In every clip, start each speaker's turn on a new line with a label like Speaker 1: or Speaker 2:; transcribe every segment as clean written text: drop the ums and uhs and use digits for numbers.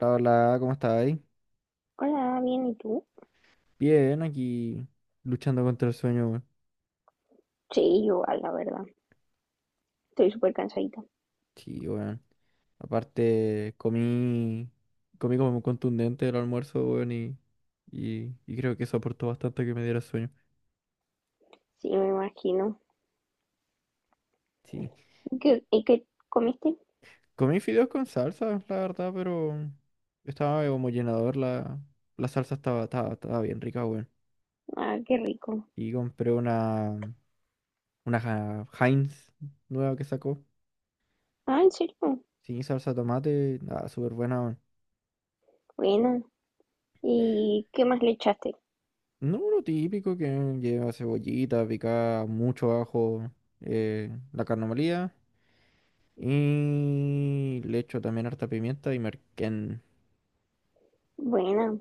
Speaker 1: Hola, ¿cómo estáis?
Speaker 2: Hola, bien, ¿y tú?
Speaker 1: Bien, aquí luchando contra el sueño, weón.
Speaker 2: Sí, igual, la verdad. Estoy súper cansadita.
Speaker 1: Sí, weón. Aparte, comí como contundente el almuerzo, weón, y creo que eso aportó bastante a que me diera sueño.
Speaker 2: Sí, me imagino.
Speaker 1: Sí,
Speaker 2: Y qué comiste?
Speaker 1: comí fideos con salsa, la verdad, pero estaba como llenador, la salsa estaba bien rica, weón.
Speaker 2: Ah, qué rico.
Speaker 1: Y compré una Heinz nueva que sacó,
Speaker 2: Ah, ¿en serio?
Speaker 1: sin salsa de tomate, nada, súper buena.
Speaker 2: Buena. ¿Y qué más le echaste?
Speaker 1: No, lo típico que lleva cebollita, picada, mucho ajo, la carne molida y le echo también harta pimienta y merquén.
Speaker 2: Buena.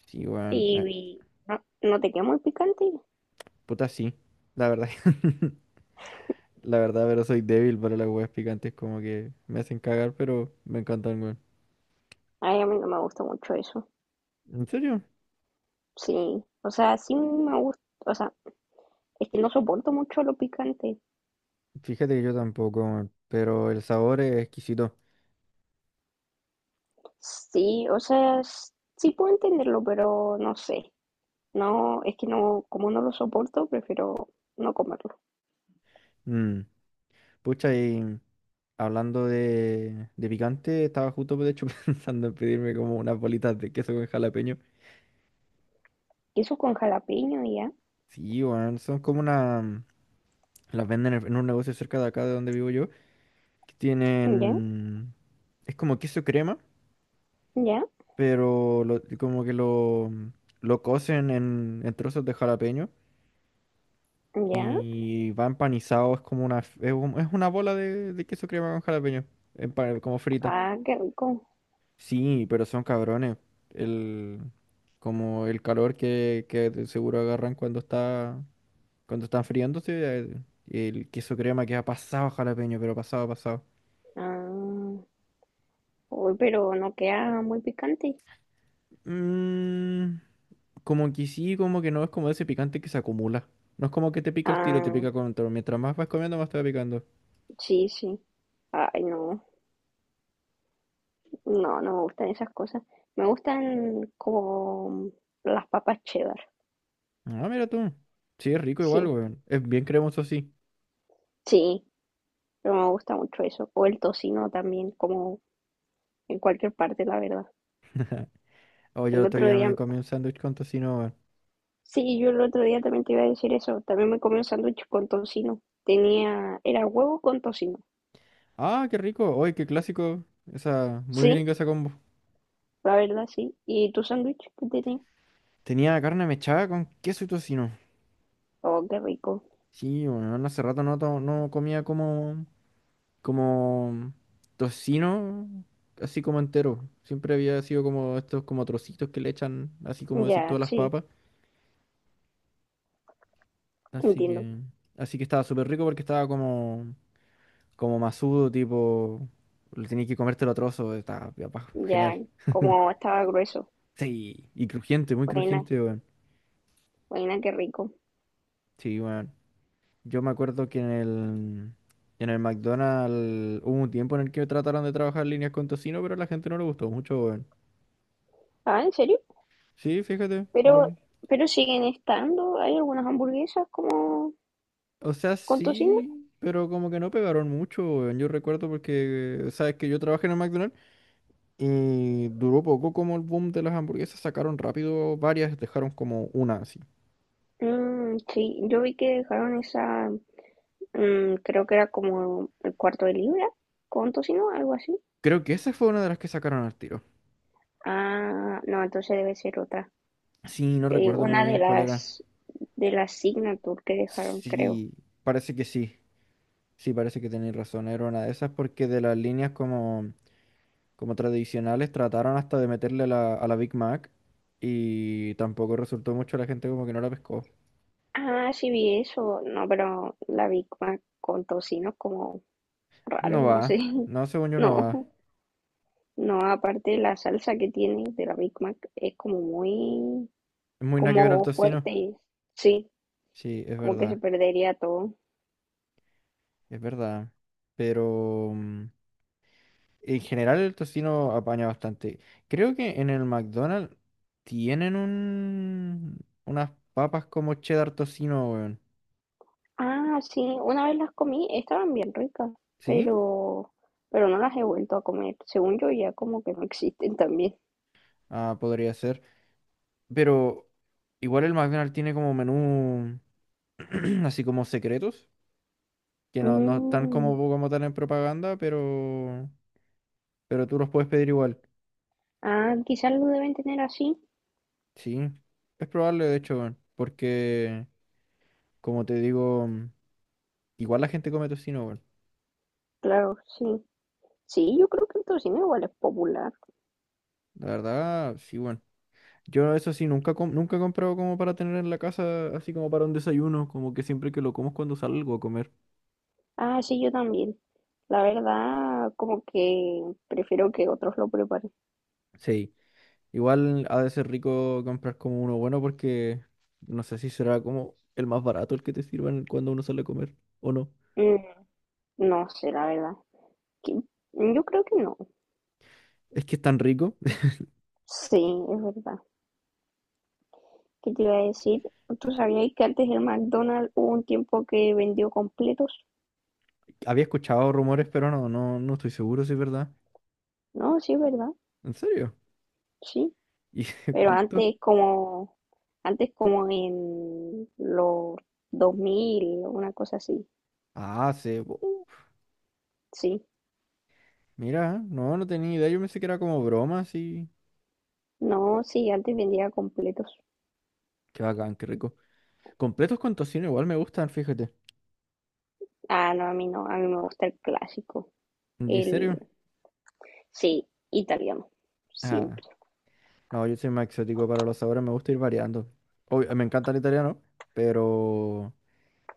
Speaker 1: Sí, weón,
Speaker 2: ¿Y, y no te queda muy picante?
Speaker 1: puta sí, la verdad. La verdad, pero soy débil para las weas picantes, como que me hacen cagar, pero me encantan, weón.
Speaker 2: Ay, a mí no me gusta mucho eso.
Speaker 1: ¿En serio?
Speaker 2: Sí, o sea, sí me gusta, o sea, es que no soporto mucho lo picante.
Speaker 1: Fíjate que yo tampoco, weón, pero el sabor es exquisito.
Speaker 2: Sí, o sea, sí puedo entenderlo, pero no sé. No, es que no, como no lo soporto, prefiero no comerlo.
Speaker 1: Mm, Pucha, y hablando de picante, estaba justo de hecho pensando en pedirme como unas bolitas de queso con jalapeño.
Speaker 2: Queso con jalapeño, ya,
Speaker 1: Sí, weón, son como una... Las venden en un negocio cerca de acá de donde vivo yo, que
Speaker 2: ya,
Speaker 1: tienen... Es como queso crema,
Speaker 2: ya,
Speaker 1: pero como que lo cocen en trozos de jalapeño
Speaker 2: ya.
Speaker 1: y va empanizado, es como una... Es, es una bola de queso crema con jalapeño, como frita.
Speaker 2: Ah, qué rico.
Speaker 1: Sí, pero son cabrones. El, como el calor que de seguro agarran cuando está, cuando están friándose. El queso crema que ha pasado jalapeño, pero pasado, pasado.
Speaker 2: Ah, uy, pero no queda muy picante.
Speaker 1: Mm, como que sí, como que no, es como ese picante que se acumula. No es como que te pica el tiro, te
Speaker 2: Ah,
Speaker 1: pica con todo. Mientras más vas comiendo, más te va picando.
Speaker 2: sí, sí. Ay, no, no, no me gustan esas cosas. Me gustan como las papas cheddar.
Speaker 1: Ah, mira tú. Sí, es rico igual,
Speaker 2: Sí,
Speaker 1: weón. Es bien cremoso, sí.
Speaker 2: sí, pero me gusta mucho eso. O el tocino también, como en cualquier parte, la verdad.
Speaker 1: Oh, yo el
Speaker 2: El
Speaker 1: otro
Speaker 2: otro
Speaker 1: día me
Speaker 2: día,
Speaker 1: comí un sándwich con tocino, weón.
Speaker 2: sí, yo el otro día también te iba a decir eso. También me comí un sándwich con tocino. Tenía, era huevo con tocino.
Speaker 1: Ah, qué rico. Oye, qué clásico. Esa, muy
Speaker 2: Sí.
Speaker 1: gringa esa combo.
Speaker 2: La verdad, sí. ¿Y tu sándwich que tiene?
Speaker 1: Tenía carne mechada con queso y tocino.
Speaker 2: Oh, qué rico.
Speaker 1: Sí, bueno, hace rato no, no comía como, como tocino, así como entero. Siempre había sido como estos como trocitos que le echan, así como decir
Speaker 2: Ya,
Speaker 1: todas las
Speaker 2: sí,
Speaker 1: papas. Así
Speaker 2: entiendo.
Speaker 1: que, así que estaba súper rico porque estaba como, como masudo, tipo, le tenías que comértelo a trozos, estaba genial.
Speaker 2: Ya, como estaba grueso.
Speaker 1: Sí, y crujiente, muy
Speaker 2: Buena,
Speaker 1: crujiente, weón.
Speaker 2: buena, qué rico.
Speaker 1: Sí, weón. Yo me acuerdo que en el McDonald's hubo un tiempo en el que trataron de trabajar líneas con tocino, pero a la gente no le gustó mucho, weón.
Speaker 2: Ah, ¿en serio?
Speaker 1: Sí, fíjate.
Speaker 2: Pero,
Speaker 1: No.
Speaker 2: pero siguen estando. ¿Hay algunas hamburguesas como
Speaker 1: O sea,
Speaker 2: con tocino?
Speaker 1: sí, pero como que no pegaron mucho, weón. Yo recuerdo porque, sabes que yo trabajé en el McDonald's y duró poco como el boom de las hamburguesas. Sacaron rápido varias, dejaron como una así.
Speaker 2: Mm, sí, yo vi que dejaron esa, mm, creo que era como el cuarto de libra con tocino, algo así.
Speaker 1: Creo que esa fue una de las que sacaron al tiro.
Speaker 2: Ah, no, entonces debe ser otra.
Speaker 1: Sí, no recuerdo muy
Speaker 2: Una
Speaker 1: bien cuál era.
Speaker 2: de las Signature que dejaron, creo.
Speaker 1: Sí, parece que sí. Sí, parece que tenéis razón, era una de esas porque de las líneas como, como tradicionales trataron hasta de meterle a la Big Mac y tampoco resultó mucho, la gente como que no la pescó.
Speaker 2: Ah, sí vi eso. No, pero la Big Mac con tocino es como raro,
Speaker 1: No
Speaker 2: no sé.
Speaker 1: va, no, según yo no
Speaker 2: No,
Speaker 1: va.
Speaker 2: no, aparte la salsa que tiene de la Big Mac es como muy,
Speaker 1: Es muy nada que ver al
Speaker 2: como
Speaker 1: tocino.
Speaker 2: fuerte. Sí,
Speaker 1: Sí, es
Speaker 2: como que se
Speaker 1: verdad,
Speaker 2: perdería todo.
Speaker 1: es verdad. Pero en general el tocino apaña bastante. Creo que en el McDonald's tienen unas papas como cheddar tocino, weón.
Speaker 2: Ah, sí, una vez las comí, estaban bien ricas,
Speaker 1: ¿Sí?
Speaker 2: pero, pero no las he vuelto a comer. Según yo ya como que no existen también.
Speaker 1: Ah, podría ser. Pero igual el McDonald's tiene como menú así como secretos, que no están como,
Speaker 2: Mm,
Speaker 1: como tal en propaganda, pero tú los puedes pedir igual.
Speaker 2: ah, quizás lo deben tener así.
Speaker 1: Sí, es probable de hecho, weón, porque como te digo, igual la gente come tocino, weón.
Speaker 2: Claro, sí. Sí, yo creo que el tocino igual es popular.
Speaker 1: La verdad, sí, bueno. Yo eso sí, nunca, nunca he comprado como para tener en la casa, así como para un desayuno, como que siempre que lo como es cuando salgo a comer.
Speaker 2: Ah, sí, yo también. La verdad, como que prefiero que otros lo preparen.
Speaker 1: Sí. Igual ha de ser rico comprar como uno bueno porque no sé si será como el más barato el que te sirvan cuando uno sale a comer o no.
Speaker 2: Mm, no sé, la verdad. Que- mm, yo creo que no.
Speaker 1: Es que es tan rico.
Speaker 2: Sí, es verdad. ¿Qué te iba a decir? ¿Tú sabías que antes el McDonald's hubo un tiempo que vendió completos?
Speaker 1: Había escuchado rumores, pero no estoy seguro si es verdad.
Speaker 2: No, sí, es verdad.
Speaker 1: ¿En serio?
Speaker 2: Sí.
Speaker 1: ¿Y
Speaker 2: Pero
Speaker 1: cuánto?
Speaker 2: antes como en los 2000 una cosa así.
Speaker 1: Ah, se... uf,
Speaker 2: Sí.
Speaker 1: mira, no, no tenía idea. Yo pensé que era como broma, así.
Speaker 2: No, sí, antes vendía completos.
Speaker 1: Qué bacán, qué rico. Completos con tocino igual me gustan, fíjate.
Speaker 2: Ah, no, a mí no. A mí me gusta el clásico.
Speaker 1: ¿En
Speaker 2: El,
Speaker 1: serio?
Speaker 2: sí, italiano,
Speaker 1: Ah,
Speaker 2: siempre.
Speaker 1: no, yo soy más exótico para los sabores, me gusta ir variando. Obvio, me encanta el italiano, pero...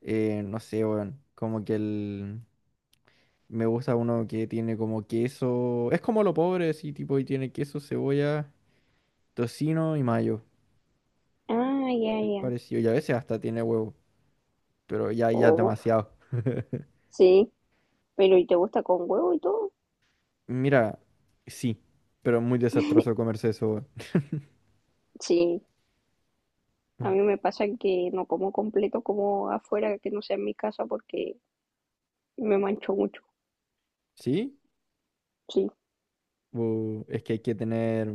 Speaker 1: No sé, weón. Como que el... Me gusta uno que tiene como queso. Es como lo pobre, sí tipo, y tiene queso, cebolla, tocino y mayo.
Speaker 2: Ah, ya, ya.
Speaker 1: Parecido. Y a veces hasta tiene huevo. Pero ya, ya es
Speaker 2: Uf,
Speaker 1: demasiado.
Speaker 2: sí, pero ¿y te gusta con huevo y todo?
Speaker 1: Mira, sí. Pero es muy desastroso comerse eso, weón.
Speaker 2: Sí, a mí me pasa que no como completo como afuera, que no sea en mi casa porque me mancho mucho.
Speaker 1: ¿Sí?
Speaker 2: Sí,
Speaker 1: Bu, es que hay que tener.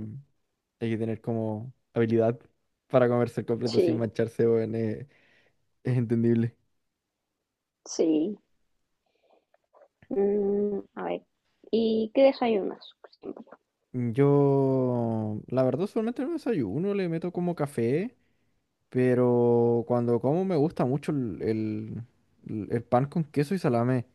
Speaker 1: Hay que tener como habilidad para comerse el completo sin
Speaker 2: sí,
Speaker 1: mancharse, weón. Es entendible.
Speaker 2: sí. Mm, a ver, ¿y qué desayunas siempre?
Speaker 1: Yo, la verdad, solamente en el desayuno, le meto como café. Pero cuando como me gusta mucho el pan con queso y salame.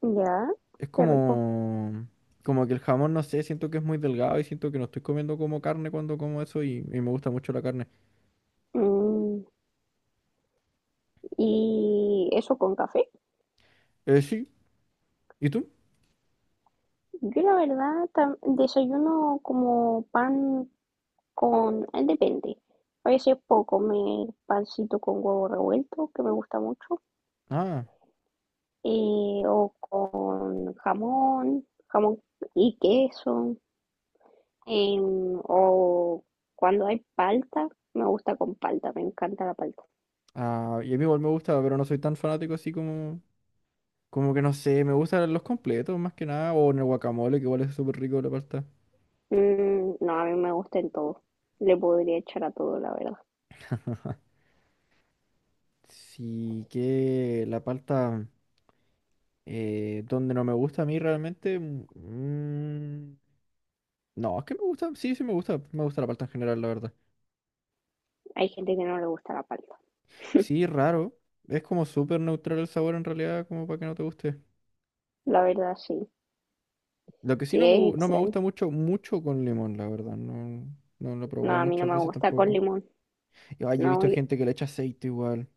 Speaker 2: Ya,
Speaker 1: Es
Speaker 2: qué rico.
Speaker 1: como, como que el jamón, no sé, siento que es muy delgado y siento que no estoy comiendo como carne cuando como eso y me gusta mucho la carne.
Speaker 2: Mm, ¿y eso con café?
Speaker 1: Sí, ¿y tú?
Speaker 2: Yo la verdad desayuno como pan con, depende. A veces puedo comer pancito con huevo revuelto, que me gusta mucho,
Speaker 1: Ah,
Speaker 2: o con jamón, jamón y queso, em, o cuando hay palta, me gusta con palta, me encanta la palta.
Speaker 1: y a mí igual me gusta, pero no soy tan fanático así como, como que no sé, me gustan los completos más que nada, o en el guacamole, que igual es súper rico la palta.
Speaker 2: Mm, no, a mí me gusta en todo. Le podría echar a todo, la verdad.
Speaker 1: Sí, que la palta, donde no me gusta a mí realmente, mm, no, es que me gusta, sí, sí me gusta la palta en general, la verdad.
Speaker 2: Hay gente que no le gusta la palta.
Speaker 1: Sí, raro, es como súper neutral el sabor en realidad, como para que no te guste.
Speaker 2: La verdad, sí.
Speaker 1: Lo que sí
Speaker 2: Sí,
Speaker 1: no me,
Speaker 2: es
Speaker 1: no me
Speaker 2: extraño.
Speaker 1: gusta mucho, mucho con limón, la verdad, no, no lo he
Speaker 2: No,
Speaker 1: probado
Speaker 2: a mí no
Speaker 1: muchas
Speaker 2: me
Speaker 1: veces
Speaker 2: gusta con
Speaker 1: tampoco.
Speaker 2: limón.
Speaker 1: Y, ay, he
Speaker 2: No,
Speaker 1: visto
Speaker 2: yo-
Speaker 1: gente que le echa aceite igual.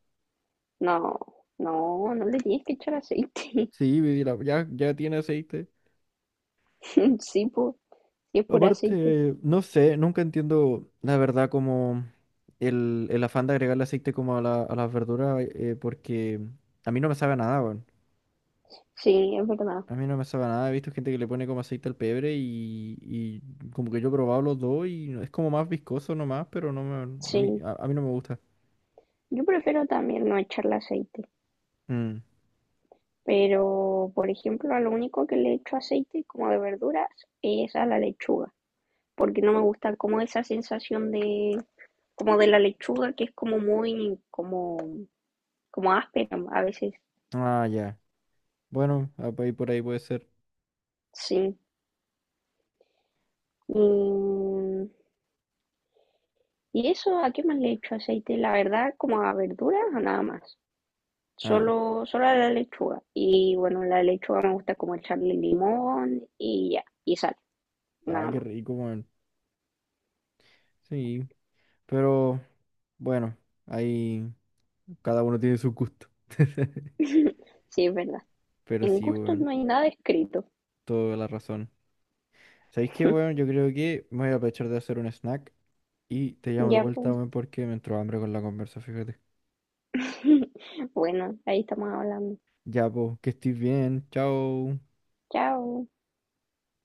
Speaker 2: no, no, no le tienes que echar aceite.
Speaker 1: Sí, ya, ya tiene aceite.
Speaker 2: Sí, po, y es puro aceite.
Speaker 1: Aparte, no sé, nunca entiendo la verdad como el afán de agregarle aceite como a a las verduras, porque a mí no me sabe a nada, weón.
Speaker 2: Sí, es verdad.
Speaker 1: A mí no me sabe a nada, he visto gente que le pone como aceite al pebre y como que yo he probado los dos y es como más viscoso nomás, pero no me, a mí,
Speaker 2: Sí,
Speaker 1: a mí no me gusta.
Speaker 2: yo prefiero también no echarle aceite,
Speaker 1: Mm.
Speaker 2: pero por ejemplo, a lo único que le echo aceite como de verduras es a la lechuga, porque no me gusta como esa sensación de como de la lechuga que es como muy como como áspera a veces.
Speaker 1: Ah, ya. Bueno, ah, por ahí puede ser.
Speaker 2: Sí. Y, y eso, ¿a qué más le echo aceite? La verdad, como a verduras o nada más.
Speaker 1: Ah,
Speaker 2: Solo, solo la lechuga. Y bueno, la lechuga me gusta como echarle limón y ya, y sal, nada
Speaker 1: qué
Speaker 2: más.
Speaker 1: rico, weón. Sí, pero bueno, ahí cada uno tiene su gusto.
Speaker 2: Sí, es verdad.
Speaker 1: Pero
Speaker 2: En
Speaker 1: sí,
Speaker 2: gustos
Speaker 1: weón,
Speaker 2: no hay nada escrito.
Speaker 1: toda la razón. ¿Sabéis qué, weón? Yo creo que me voy a aprovechar de hacer un snack y te llamo de
Speaker 2: Ya,
Speaker 1: vuelta,
Speaker 2: pues.
Speaker 1: weón, porque me entró hambre con la conversa, fíjate.
Speaker 2: Bueno, ahí estamos hablando.
Speaker 1: Ya, pues, que estés bien. Chao.
Speaker 2: Chao.